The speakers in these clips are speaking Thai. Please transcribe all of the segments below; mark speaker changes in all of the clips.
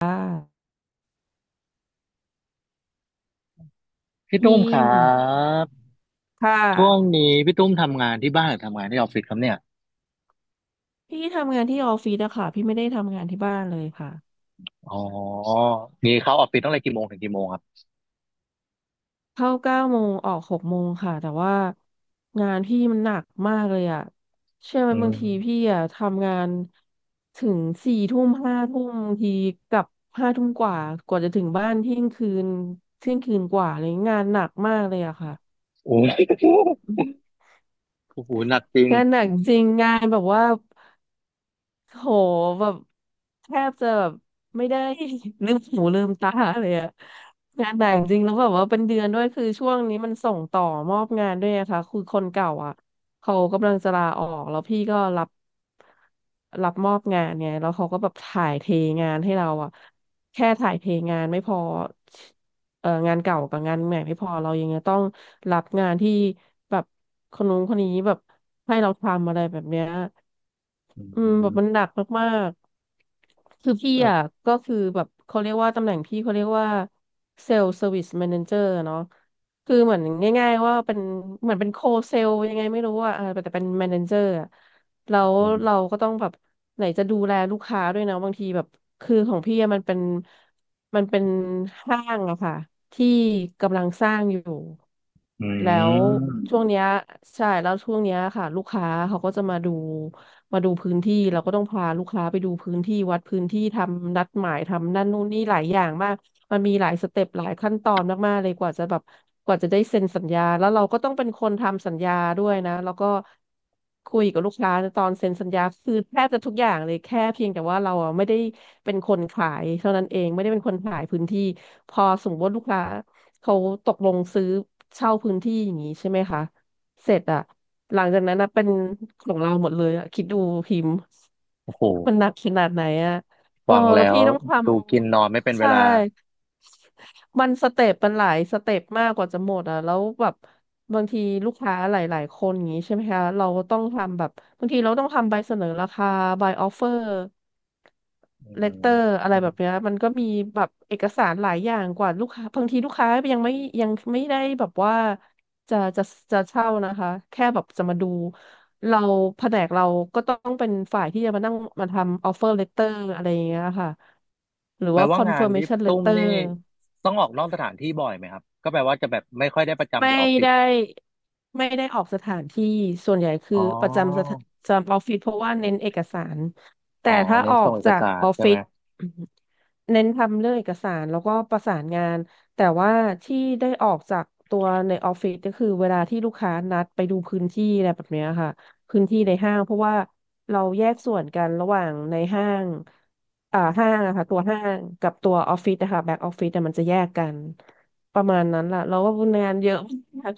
Speaker 1: ค่ะ
Speaker 2: พี่
Speaker 1: ฮิ
Speaker 2: ตุ้มครั
Speaker 1: ม
Speaker 2: บ
Speaker 1: ค่
Speaker 2: ช่วง
Speaker 1: ะ
Speaker 2: นี้พี่ตุ้มทำงานที่บ้านหรือทำงานที่ออฟฟิศครับเนี่ย
Speaker 1: พี่ทำงานที่ออฟฟิศอะค่ะพี่ไม่ได้ทำงานที่บ้านเลยค่ะ
Speaker 2: อ๋อนี่เข้าออฟฟิศตั้งแต่กี่โมงถึงกี่โมงครับ
Speaker 1: เข้าเก้าโมงออกหกโมงค่ะแต่ว่างานพี่มันหนักมากเลยอะเชื่อไหม
Speaker 2: อื
Speaker 1: บางทีพี่
Speaker 2: ม
Speaker 1: อะทำงานถึงสี่ทุ่มห้าทุ่มบางทีกลับห้าทุ่มกว่ากว่าจะถึงบ้านเที่ยงคืนเที่ยงคืนกว่าเลยงานหนักมากเลยอะค่ะ
Speaker 2: โอ้ยโอ้โหหนักจริง
Speaker 1: งานหนักจริงงานแบบว่า โหแบบแทบจะแบบไม่ได้ ลืมหูลืมตาเลยอะงานแต่งจริงแล้วแบบว่าเป็นเดือนด้วยคือช่วงนี้มันส่งต่อมอบงานด้วยอะค่ะคือคนเก่าอะเขากำลังจะลาออกแล้วพี่ก็รับมอบงานไงแล้วเขาก็แบบถ่ายเทงานให้เราอะแค่ถ่ายเทงานไม่พองานเก่ากับงานใหม่ไม่พอเรายังจะต้องรับงานที่แบบคนนู้นคนนี้แบบให้เราทำอะไรแบบเนี้ย
Speaker 2: อื
Speaker 1: อืมแบ
Speaker 2: ม
Speaker 1: บมันหนักมากๆคือพี่อ่ะก็คือแบบเขาเรียกว่าตำแหน่งพี่เขาเรียกว่าเซล e ์เซอร์วิสแมเนเจอร์เนาะคือเหมือนง่ายๆว่าเป็นเหมือนเป็นโคเซลยังไงไม่รู้อ่ะเออแต่เป็นแมเนเจอร์อะแล้ว
Speaker 2: อื
Speaker 1: เรา
Speaker 2: ม
Speaker 1: ก็ต้องแบบไหนจะดูแลลูกค้าด้วยนะบางทีแบบคือของพี่อะมันเป็นห้างอะค่ะที่กำลังสร้างอยู่
Speaker 2: อื
Speaker 1: แล้ว
Speaker 2: ม
Speaker 1: ช่วงเนี้ยใช่แล้วช่วงเนี้ยค่ะลูกค้าเขาก็จะมาดู มาดูพื้นที่เราก็ต้องพาลูกค้าไปดูพื้นที่วัดพื้นที่ทำนัดหมายทำนั่นนู่นนี่หลายอย่างมากมันมีหลายสเต็ปหลายขั้นตอนมากๆเลยกว่าจะแบบกว่าจะได้เซ็นสัญญาแล้วเราก็ต้องเป็นคนทำสัญญาด้วยนะแล้วก็คุยกับลูกค้าตอนเซ็นสัญญาคือแทบจะทุกอย่างเลยแค่เพียงแต่ว่าเราอะไม่ได้เป็นคนขายเท่านั้นเองไม่ได้เป็นคนขายพื้นที่พอสมมติว่าลูกค้าเขาตกลงซื้อเช่าพื้นที่อย่างนี้ใช่ไหมคะ เสร็จอะหลังจากนั้นนะเป็นของเราหมดเลยอะคิดดูพิมพ์
Speaker 2: โอ้โห
Speaker 1: มันหนักขนาดไหนอะโอ้
Speaker 2: ฟัง
Speaker 1: แล้ว
Speaker 2: แล้ว
Speaker 1: พี่ต้องท
Speaker 2: ดูกินนอนไม่เป็น
Speaker 1: ำ
Speaker 2: เว
Speaker 1: ใช่
Speaker 2: ลา
Speaker 1: มันสเต็ปมันหลายสเต็ปมากกว่าจะหมดอ่ะแล้วแบบบางทีลูกค้าหลายๆคนอย่างนี้ใช่ไหมคะเราก็ต้องทำแบบบางทีเราต้องทำใบเสนอราคาใบออฟเฟอร์
Speaker 2: อื
Speaker 1: เลตเตอร์
Speaker 2: ม
Speaker 1: อะไรแบบเนี้ยมันก็มีแบบเอกสารหลายอย่างกว่าลูกค้าบางทีลูกค้ายังไม่ได้แบบว่าจะจะจะเช่านะคะแค่แบบจะมาดูเราแผนกเราก็ต้องเป็นฝ่ายที่จะมานั่งมาทำออฟเฟอร์เลตเตอร์อะไรอย่างเงี้ยค่ะหรือ
Speaker 2: แปล
Speaker 1: ว่าค
Speaker 2: ว่า
Speaker 1: อน
Speaker 2: งา
Speaker 1: เฟิ
Speaker 2: น
Speaker 1: ร์มเม
Speaker 2: พี่
Speaker 1: ชันเล
Speaker 2: ตุ้
Speaker 1: ต
Speaker 2: ม
Speaker 1: เตอ
Speaker 2: นี่
Speaker 1: ร์
Speaker 2: ต้องออกนอกสถานที่บ่อยไหมครับก็แปลว่าจะแบบไม่ค่อยได้ประจำอ
Speaker 1: ไม่
Speaker 2: ยู่ออฟฟิศ
Speaker 1: ได้ไม่ได้ออกสถานที่ส่วนใหญ่คื
Speaker 2: อ๋
Speaker 1: อ
Speaker 2: อ
Speaker 1: ประจำสถานประจำออฟฟิศเพราะว่าเน้นเอกสาร
Speaker 2: อ๋
Speaker 1: แต่
Speaker 2: อ
Speaker 1: ถ้า
Speaker 2: เน้น
Speaker 1: ออ
Speaker 2: ส่
Speaker 1: ก
Speaker 2: งเอก
Speaker 1: จาก
Speaker 2: สาร
Speaker 1: ออฟ
Speaker 2: ใช่
Speaker 1: ฟิ
Speaker 2: ไหม
Speaker 1: ศ เน้นทำเรื่องเอกสารแล้วก็ประสานงานแต่ว่าที่ได้ออกจากตัวในออฟฟิศก็คือเวลาที่ลูกค้านัดไปดูพื้นที่อะไรแบบเนี้ยค่ะพื้นที่ในห้างเพราะว่าเราแยกส่วนกันระหว่างในห้างอ่าห้างอะค่ะตัวห้างกับตัวออฟฟิศนะคะแบ็กออฟฟิศอะมันจะแยกกันประมาณนั้นล่ะเราก็งานเยอะมาก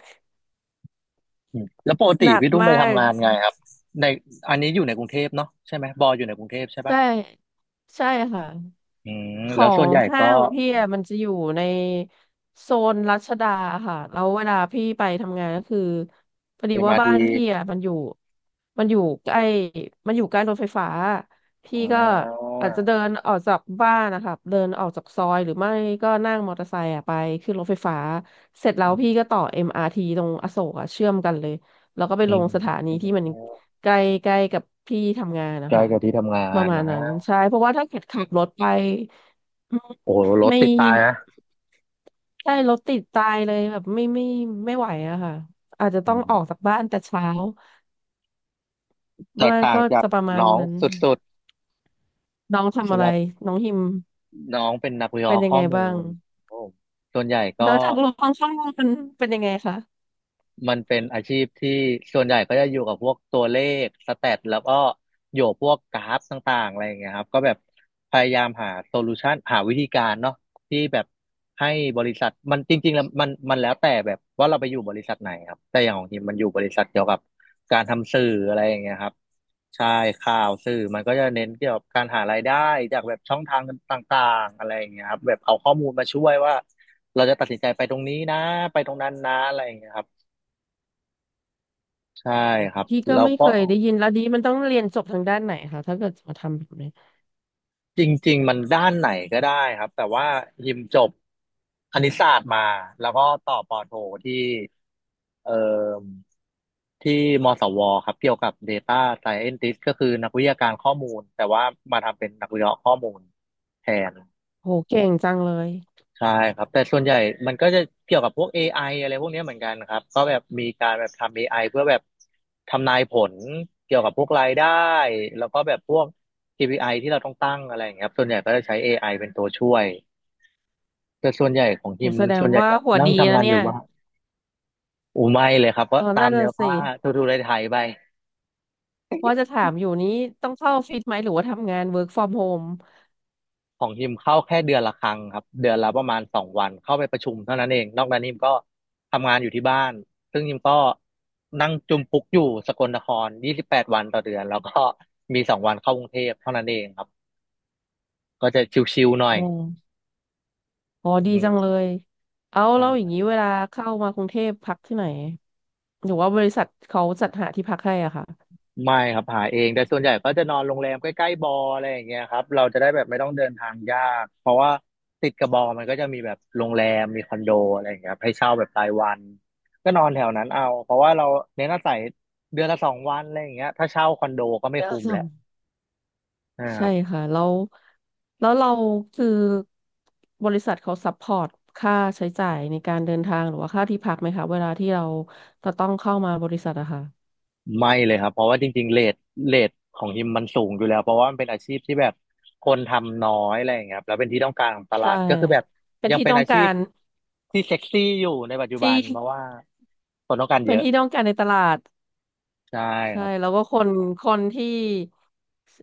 Speaker 2: อืมแล้วปกติ
Speaker 1: หนัก
Speaker 2: พี่ตุ้มไป
Speaker 1: มาก
Speaker 2: ทำงานไงครับในอันนี้อยู่ในกรุงเทพเนาะใช่ไหมบออยู่ในกรุงเทพใช่ปะ
Speaker 1: ใช่ใช่ค่ะ
Speaker 2: อืม
Speaker 1: ขอ
Speaker 2: แล้วส่วน
Speaker 1: ง
Speaker 2: ใหญ่
Speaker 1: ห้า
Speaker 2: ก็
Speaker 1: งพี่อะมันจะอยู่ในโซนรัชดาค่ะแล้วเวลาพี่ไปทำงานก็คือพอดี
Speaker 2: เอ็ม
Speaker 1: ว่า
Speaker 2: อาร์
Speaker 1: บ้า
Speaker 2: ที
Speaker 1: นพี่อะมันอยู่มันอยู่ใกล้มันอยู่ใกล้รถไฟฟ้าพี่
Speaker 2: อ่
Speaker 1: ก็
Speaker 2: า
Speaker 1: อาจจะเดินออกจากบ้านนะคะเดินออกจากซอยหรือไม่ก็นั่งมอเตอร์ไซค์อะไปขึ้นรถไฟฟ้าเสร็จแล้วพี่ก็ต่อเอ็มอาร์ทีตรงอโศกอะเชื่อมกันเลยแล้วก็ไป
Speaker 2: อื
Speaker 1: ลงสถา
Speaker 2: ม
Speaker 1: นีที่มันใกล้ใกล้กับที่ทำงาน
Speaker 2: ใก
Speaker 1: นะ
Speaker 2: ล้
Speaker 1: คะ
Speaker 2: กับที่ทำงา
Speaker 1: ประ
Speaker 2: น
Speaker 1: มาณ
Speaker 2: นะ
Speaker 1: นั้นใช่เพราะว่าถ้าเกิดขับรถไป อืม
Speaker 2: โอ้โหรถ
Speaker 1: ไม่
Speaker 2: ติดตายนะ
Speaker 1: ใช่รถติดตายเลยแบบไม่ไหวอะค่ะอาจจะ
Speaker 2: อื
Speaker 1: ต้องออกจา
Speaker 2: ม
Speaker 1: กบ้านแต่เช้า
Speaker 2: แต
Speaker 1: ม่
Speaker 2: ก
Speaker 1: น
Speaker 2: ต่าง
Speaker 1: ก็
Speaker 2: จาก
Speaker 1: จะประมาณ
Speaker 2: น้อง
Speaker 1: นั้น
Speaker 2: สุด
Speaker 1: น้อง
Speaker 2: ๆ
Speaker 1: ทำอะ
Speaker 2: สำห
Speaker 1: ไร
Speaker 2: รับ
Speaker 1: น้องฮิม
Speaker 2: น้องเป็นนักวิเค
Speaker 1: เป็
Speaker 2: ราะ
Speaker 1: น
Speaker 2: ห์
Speaker 1: ยัง
Speaker 2: ข้อ
Speaker 1: ไง
Speaker 2: มู
Speaker 1: บ้าง
Speaker 2: ลโอ้ส่วนใหญ่ก็
Speaker 1: แล้วทางลงข้างๆมันเป็นยังไงคะ
Speaker 2: มันเป็นอาชีพที่ส่วนใหญ่ก็จะอยู่กับพวกตัวเลขสแตทแล้วก็อยู่พวกกราฟต่างๆอะไรอย่างเงี้ยครับก็แบบพยายามหาโซลูชันหาวิธีการเนาะที่แบบให้บริษัทมันจริงๆแล้วมันมันแล้วแต่แบบว่าเราไปอยู่บริษัทไหนครับแต่อย่างของทีมมันอยู่บริษัทเกี่ยวกับการทำสื่ออะไรอย่างเงี้ยครับใช่ข่าวสื่อมันก็จะเน้นเกี่ยวกับการหารายได้จากแบบช่องทางต่างๆอะไรอย่างเงี้ยครับแบบเอาข้อมูลมาช่วยว่าเราจะตัดสินใจไปตรงนี้นะไปตรงนั้นนะอะไรอย่างเงี้ยครับ ใช่ครับ
Speaker 1: พี่ก็
Speaker 2: แล้ว
Speaker 1: ไม่
Speaker 2: ก็
Speaker 1: เคยได้ยินแล้วดีมันต้องเรียนจบทางด้านไหนคะถ้าเกิดจะมาทำแบบนี้
Speaker 2: จริงๆมันด้านไหนก็ได้ครับแต่ว่าฮิมจบคณิตศาสตร์มาแล้วก็ต่อปอโทที่เอ่อที่มศวครับเกี่ยวกับ Data Scientist ก็คือนักวิทยาการข้อมูลแต่ว่ามาทำเป็นนักวิเคราะห์ข้อมูลแทน
Speaker 1: โหเก่งจังเลย
Speaker 2: ใช่ครับแต่ส่วนใหญ่มันก็จะเกี่ยวกับพวก AI อไออะไรพวกเนี้ยเหมือนกันครับก็แบบมีการแบบทำ AI เพื่อแบบทำนายผลเกี่ยวกับพวกรายได้แล้วก็แบบพวก KPI ที่เราต้องตั้งอะไรอย่างเงี้ยครับส่วนใหญ่ก็จะใช้ AI เป็นตัวช่วยแต่ส่วนใหญ่ของ
Speaker 1: โห
Speaker 2: ทีม
Speaker 1: แสด
Speaker 2: ส่
Speaker 1: ง
Speaker 2: วนใหญ่
Speaker 1: ว่า
Speaker 2: จะ
Speaker 1: หัว
Speaker 2: นั่ง
Speaker 1: ดี
Speaker 2: ทำ
Speaker 1: นะ
Speaker 2: งานอ
Speaker 1: เนี่
Speaker 2: ยู่
Speaker 1: ย
Speaker 2: ว่านอูไม่เลยครับก็
Speaker 1: เออ
Speaker 2: ตา
Speaker 1: นั่
Speaker 2: ม
Speaker 1: น
Speaker 2: เนื้
Speaker 1: น่ะ
Speaker 2: อ
Speaker 1: สิ
Speaker 2: ผ้าทูทูไทยๆไป
Speaker 1: ว่าจะถามอยู่นี้ต้องเข้าออฟฟิศไหมหรือว่าทำงาน work from home
Speaker 2: ของฮิมเข้าแค่เดือนละครั้งครับเดือนละประมาณสองวันเข้าไปประชุมเท่านั้นเอง นอกนั้นฮิมก็ทำงานอยู่ที่บ้าน ซึ่งฮิมก็นั่งจุมปุกอยู่สกลนคร28 วันต่อเดือนแล้วก็มีสองวันเข้ากรุงเทพเท่านั้นเองครับก็จะชิวๆหน่อ
Speaker 1: อ๋อ
Speaker 2: ย
Speaker 1: อ๋อดี
Speaker 2: อื
Speaker 1: จังเล
Speaker 2: ม
Speaker 1: ย เอาแล้วอย่างนี้เวลาเข้ามากรุงเทพพักที่ไหนหรือว่าบริษัทเขาจัดหาที่พักให้อ่ะค่ะ
Speaker 2: ไม่ครับหาเองแต่ส่วนใหญ่ก็จะนอนโรงแรมใกล้ๆบออะไรอย่างเงี้ยครับเราจะได้แบบไม่ต้องเดินทางยากเพราะว่าติดกับบอมันก็จะมีแบบโรงแรมมีคอนโดอะไรอย่างเงี้ยครับให้เช่าแบบรายวันก็นอนแถวนั้นเอาเพราะว่าเราเน้นอาศัยเดือนละสองวันอะไรอย่างเงี้ยถ้าเช่าคอนโดก็ไม่
Speaker 1: เดีว
Speaker 2: คุ้ม
Speaker 1: สอ
Speaker 2: แล้
Speaker 1: ง
Speaker 2: วนะครั
Speaker 1: ใช่
Speaker 2: บ
Speaker 1: ค่ะแล้วแล้วเราคือบริษัทเขาซัพพอร์ตค่าใช้จ่ายในการเดินทางหรือว่าค่าที่พักไหมคะเวลาที่เราจะต้องเข้ามาบริษัทอะค่ะ
Speaker 2: ไม่เลยครับเพราะว่าจริงๆเรทของฮิมมันสูงอยู่แล้วเพราะว่ามันเป็นอาชีพที่แบบคนทำน้อยอะไรอย่างเงี้ยครับแล้วเป็นที่ต้องการของตลา
Speaker 1: ใช่
Speaker 2: ดก็คือแบบ
Speaker 1: เป็น
Speaker 2: ยัง
Speaker 1: ที่
Speaker 2: เป็น
Speaker 1: ต้อง
Speaker 2: อา
Speaker 1: กา
Speaker 2: ชีพ
Speaker 1: ร
Speaker 2: ที่เซ็กซี่อยู่ในปัจจุบั
Speaker 1: ที่
Speaker 2: นเพราะว่า คนต้องการ
Speaker 1: เป็
Speaker 2: เย
Speaker 1: น
Speaker 2: อะ
Speaker 1: ที่ต้องการในตลาด
Speaker 2: ใช่ค
Speaker 1: ใช่
Speaker 2: รับ
Speaker 1: แล้วก็คนคนที่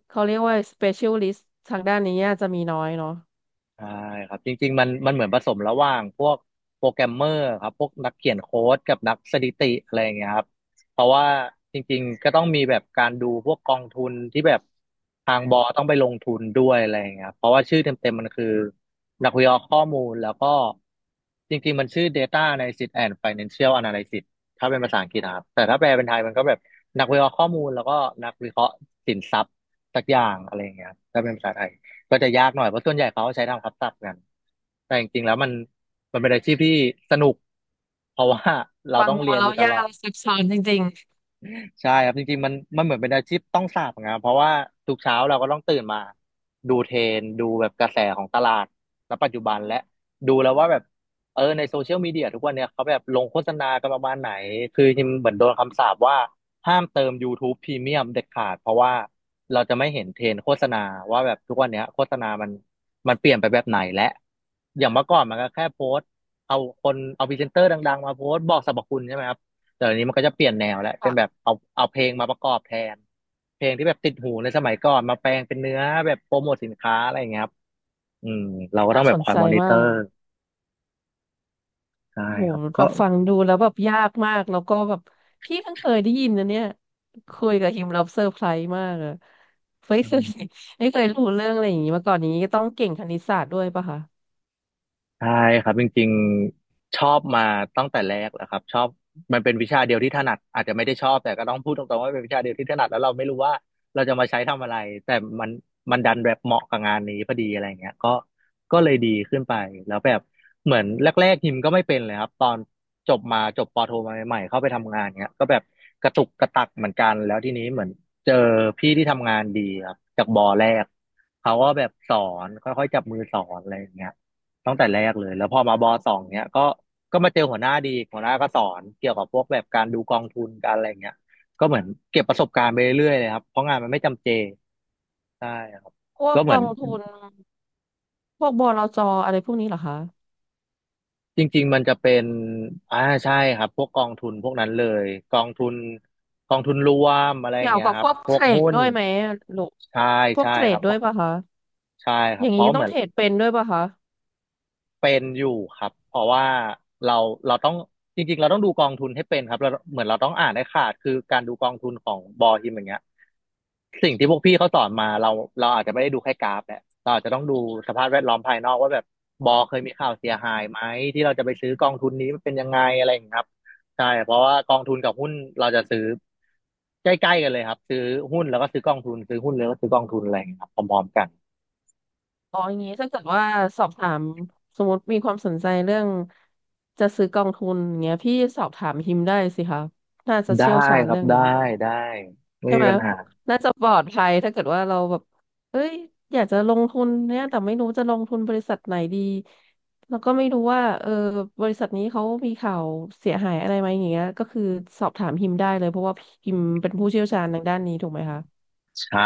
Speaker 1: เขาเรียกว่า specialist ทางด้านนี้จะมีน้อยเนาะ
Speaker 2: ใช่ครับจริงๆมันเหมือนผสมระหว่างพวกโปรแกรมเมอร์ครับพวกนักเขียนโค้ดกับนักสถิติอะไรอย่างเงี้ยครับเพราะว่าจริงๆก็ต้องมีแบบการดูพวกกองทุนที่แบบทางบอต้องไปลงทุนด้วยอะไรอย่างเงี้ยครับเพราะว่าชื่อเต็มๆมันคือนักวิเคราะห์ข้อมูลแล้วก็จริงๆมันชื่อ Data Analysis and Financial Analysis ถ้าเป็นภาษาอังกฤษนะครับแต่ถ้าแปลเป็นไทยมันก็แบบนักวิเคราะห์ข้อมูลแล้วก็นักวิเคราะห์สินทรัพย์สักอย่างอะไรอย่างเงี้ยครับถ้าเป็นภาษาไทย ก็จะยากหน่อยเพราะส่วนใหญ่เขาใช้ทำคับศัพท์กันแต่จริงๆแล้วมันเป็นอาชีพที่สนุกเพราะว่าเรา
Speaker 1: ฟัง
Speaker 2: ต้อง
Speaker 1: ดู
Speaker 2: เรียน
Speaker 1: แล้
Speaker 2: อ
Speaker 1: ว
Speaker 2: ยู่ต
Speaker 1: ยา
Speaker 2: ลอ
Speaker 1: ก
Speaker 2: ด
Speaker 1: ลซับซ้อนจริง
Speaker 2: ใช่ครับจริงๆมันเหมือนเป็นอาชีพต้องสาปนะครับเพราะว่าทุกเช้าเราก็ต้องตื่นมาดูเทรนด์ดูแบบกระแสของตลาดณปัจจุบันและดูแล้วว่าแบบในโซเชียลมีเดียทุกวันเนี่ยเขาแบบลงโฆษณากันประมาณไหนคือจริงๆเหมือนโดนคำสาปว่าห้ามเติม YouTube พ r e m ม u m เด็ดขาดเพราะว่าเราจะไม่เห็นเทรนด์โฆษณาว่าแบบทุกวันเนี้ยโฆษณามันเปลี่ยนไปแบบไหนและอย่างเมื่อก่อนมันก็แค่โพสต์เอาคนเอาพรีเซนเตอร์ดังๆมาโพสต์บอกสรรพคุณใช่ไหมครับ แต่เดี๋ยวนี้มันก็จะเปลี่ยนแนวแล้ว
Speaker 1: ๆ
Speaker 2: เป็น
Speaker 1: ค่ะ
Speaker 2: แบบเอาเพลงมาประกอบแทนเพลงที่แบบติดหูในสมัยก่อนมาแปลงเป็นเนื้อแบบโปรโมทสินค้าอะไรอย่างเงี้ยครับอืมเราก็ต้
Speaker 1: น่า
Speaker 2: องแบ
Speaker 1: ส
Speaker 2: บ
Speaker 1: น
Speaker 2: คอย
Speaker 1: ใจ
Speaker 2: มอนิเต
Speaker 1: มา
Speaker 2: อ
Speaker 1: ก
Speaker 2: ร์ใช่
Speaker 1: โห
Speaker 2: ครับ
Speaker 1: แบ
Speaker 2: ก็
Speaker 1: บฟังดูแล้วแบบยากมากแล้วก็แบบพี่เพิ่งเคยได้ยินนะเนี่ยคุยกับฮิมแล้วเซอร์ไพรส์มากอะไม่เคย ไม่เคยรู้เรื่องอะไรอย่างนี้มาก่อนอย่างนี้ก็ต้องเก่งคณิตศาสตร์ด้วยปะคะ
Speaker 2: ใช่ครับจริงๆชอบมาตั้งแต่แรกแหละครับชอบมันเป็นวิชาเดียวที่ถนัดอาจจะไม่ได้ชอบแต่ก็ต้องพูดตรงๆว่าเป็นวิชาเดียวที่ถนัดแล้วเราไม่รู้ว่าเราจะมาใช้ทำอะไรแต่มันมันดันแบบเหมาะกับงานนี้พอดีอะไรเงี้ยก็เลยดีขึ้นไปแล้วแบบเหมือนแรกๆฮิมก็ไม่เป็นเลยครับตอนจบมาจบปอโทมาใหม่ๆเข้าไปทำงานเงี้ยก็แบบกระตุกกระตักเหมือนกันแล้วทีนี้เหมือนเจอพี่ที่ทำงานดีครับจากบอแรกเขาก็แบบสอนค่อยๆจับมือสอนอะไรอย่างเงี้ย ตั้งแต่แรกเลยแล้วพอมาบอสองเนี้ยก็มาเจอหัวหน้าดีหัวหน้าก็สอนเกี่ยวกับพวกแบบการดูกองทุนการอะไรเงี้ยก็เหมือนเก็บประสบการณ์ไปเรื่อยๆเลยครับเพราะงานมันไม่จำเจใช่ครับ
Speaker 1: พวก
Speaker 2: ก็เห
Speaker 1: ก
Speaker 2: มือน
Speaker 1: องทุนพวกบลจอะไรพวกนี้เหรอคะ
Speaker 2: จริงๆมันจะเป็นอ่าใช่ครับพวกกองทุนพวกนั้นเลยกองทุนกองทุนรวมอะไรอ
Speaker 1: เกี่
Speaker 2: ย่าง
Speaker 1: ยว
Speaker 2: เงี้ย
Speaker 1: กับ
Speaker 2: ค
Speaker 1: พ
Speaker 2: รับ
Speaker 1: วก
Speaker 2: พ
Speaker 1: เท
Speaker 2: วก
Speaker 1: รด
Speaker 2: หุ้น
Speaker 1: ด้วยไหมลูก
Speaker 2: ใช่
Speaker 1: พวก
Speaker 2: ใช่
Speaker 1: เทร
Speaker 2: ครั
Speaker 1: ด
Speaker 2: บเพ
Speaker 1: ด้วย
Speaker 2: ราะ
Speaker 1: ปะคะ
Speaker 2: ใช่ค
Speaker 1: อ
Speaker 2: รับ
Speaker 1: ย่าง
Speaker 2: เพ
Speaker 1: นี้
Speaker 2: ราะเห
Speaker 1: ต้อ
Speaker 2: มื
Speaker 1: ง
Speaker 2: อน
Speaker 1: เทรดเป็นด้วยปะคะ
Speaker 2: เป็นอยู่ครับเพราะว่าเราเราต้องจริงๆเราต้องดูกองทุนให้เป็นครับเราเหมือนเราต้องอ่านให้ขาดคือการดูกองทุนของบอฮิมอย่างเงี้ยสิ่งที่พวกพี่เขาสอนมาเราอาจจะไม่ได้ดูแค่กราฟแหละเราอาจจะต้องดูสภาพแวดล้อมภายนอกว่าแบบบอเคยมีข่าวเสียหายไหมที่เราจะไปซื้อกองทุนนี้มันเป็นยังไงอะไรอย่างเงี้ยครับใช่เพราะว่ากองทุนกับหุ้นเราจะซื้อใกล้ๆกันเลยครับซื้อหุ้นแล้วก็ซื้อกองทุนซื้อหุ้นแล้วก็ซื้อกองทุนอะไรอย่างเงี้ยครับพร้อมๆกัน
Speaker 1: อ๋ออย่างนี้ถ้าเกิดว่าสอบถามสมมติมีความสนใจเรื่องจะซื้อกองทุนอย่างเงี้ยพี่สอบถามฮิมได้สิคะน่าจะ
Speaker 2: ได้
Speaker 1: เชี่ยวชาญ
Speaker 2: ครับ
Speaker 1: เรื่อง
Speaker 2: ได้
Speaker 1: นี้
Speaker 2: ได้ไม่
Speaker 1: ใช่
Speaker 2: มี
Speaker 1: ไหม
Speaker 2: ปัญหา
Speaker 1: น่าจะปลอดภัยถ้าเกิดว่าเราแบบเอ้ยอยากจะลงทุนเนี่ยแต่ไม่รู้จะลงทุนบริษัทไหนดีแล้วก็ไม่รู้ว่าเออบริษัทนี้เขามีข่าวเสียหายอะไรไหมอย่างเงี้ยก็คือสอบถามฮิมได้เลยเพราะว่าฮิมเป็นผู้เชี่ยวชาญทางด้านนี้ถูกไหมคะ
Speaker 2: ใช่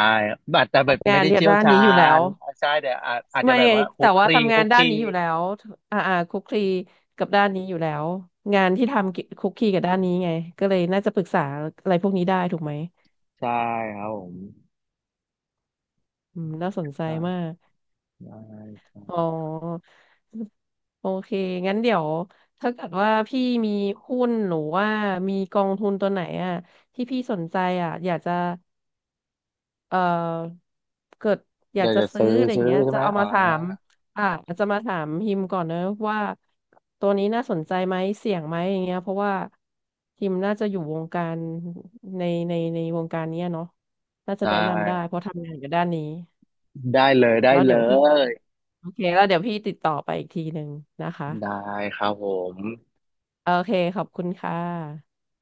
Speaker 2: อาจจะแบบ
Speaker 1: ทำ
Speaker 2: ไม่
Speaker 1: งาน
Speaker 2: ได้
Speaker 1: เนี่ย
Speaker 2: เชี่ยว
Speaker 1: ด้าน
Speaker 2: ชา
Speaker 1: นี้อยู่แล้ว
Speaker 2: ญใช่แต่อาจจะ
Speaker 1: ไม่
Speaker 2: แบบว่าคุ
Speaker 1: แต่
Speaker 2: กค
Speaker 1: ว่า
Speaker 2: ลี
Speaker 1: ทำงา
Speaker 2: คุ
Speaker 1: น
Speaker 2: กค
Speaker 1: ด้าน
Speaker 2: ลี
Speaker 1: นี้อยู่แล้วอ่าอ่าคลุกคลีกับด้านนี้อยู่แล้วงานที่ทำกิคลุกคลีกับด้านนี้ไงก็เลยน่าจะปรึกษาอะไรพวกนี้ได้ถูกไหม
Speaker 2: ใช่ครับผม
Speaker 1: อืมน่าสนใจ
Speaker 2: ใช่
Speaker 1: มาก
Speaker 2: ได้ค
Speaker 1: อ๋อ
Speaker 2: รับ
Speaker 1: โอเคงั้นเดี๋ยวถ้าเกิดว่าพี่มีหุ้นหรือว่ามีกองทุนตัวไหนอ่ะที่พี่สนใจอ่ะอยากจะ เอ่อเกิดอยา
Speaker 2: เดี๋
Speaker 1: ก
Speaker 2: ยว
Speaker 1: จะ
Speaker 2: จะ
Speaker 1: ซื้
Speaker 2: ซื้
Speaker 1: อ
Speaker 2: อ
Speaker 1: อะไร
Speaker 2: ซื้อ
Speaker 1: เงี้ย
Speaker 2: ใช่
Speaker 1: จะ
Speaker 2: ไหม
Speaker 1: เอา
Speaker 2: อ่า
Speaker 1: มาถามอ่าจะมาถามฮิมก่อนนะว่าตัวนี้น่าสนใจไหมเสี่ยงไหมอย่างเงี้ยเพราะว่าฮิมน่าจะอยู่วงการในในวงการเนี้ยเนาะน่า
Speaker 2: ได
Speaker 1: จะแนะนำได้
Speaker 2: ้
Speaker 1: เพราะทำงานอยู่ด้านนี้
Speaker 2: ได้เลยได้
Speaker 1: แล้ว
Speaker 2: เล
Speaker 1: เดี๋ยวพี่
Speaker 2: ย
Speaker 1: โอเคแล้วเดี๋ยวพี่ติดต่อไปอีกทีหนึ่งนะคะ
Speaker 2: ได้ครับผม
Speaker 1: โอเคขอบคุณค่ะ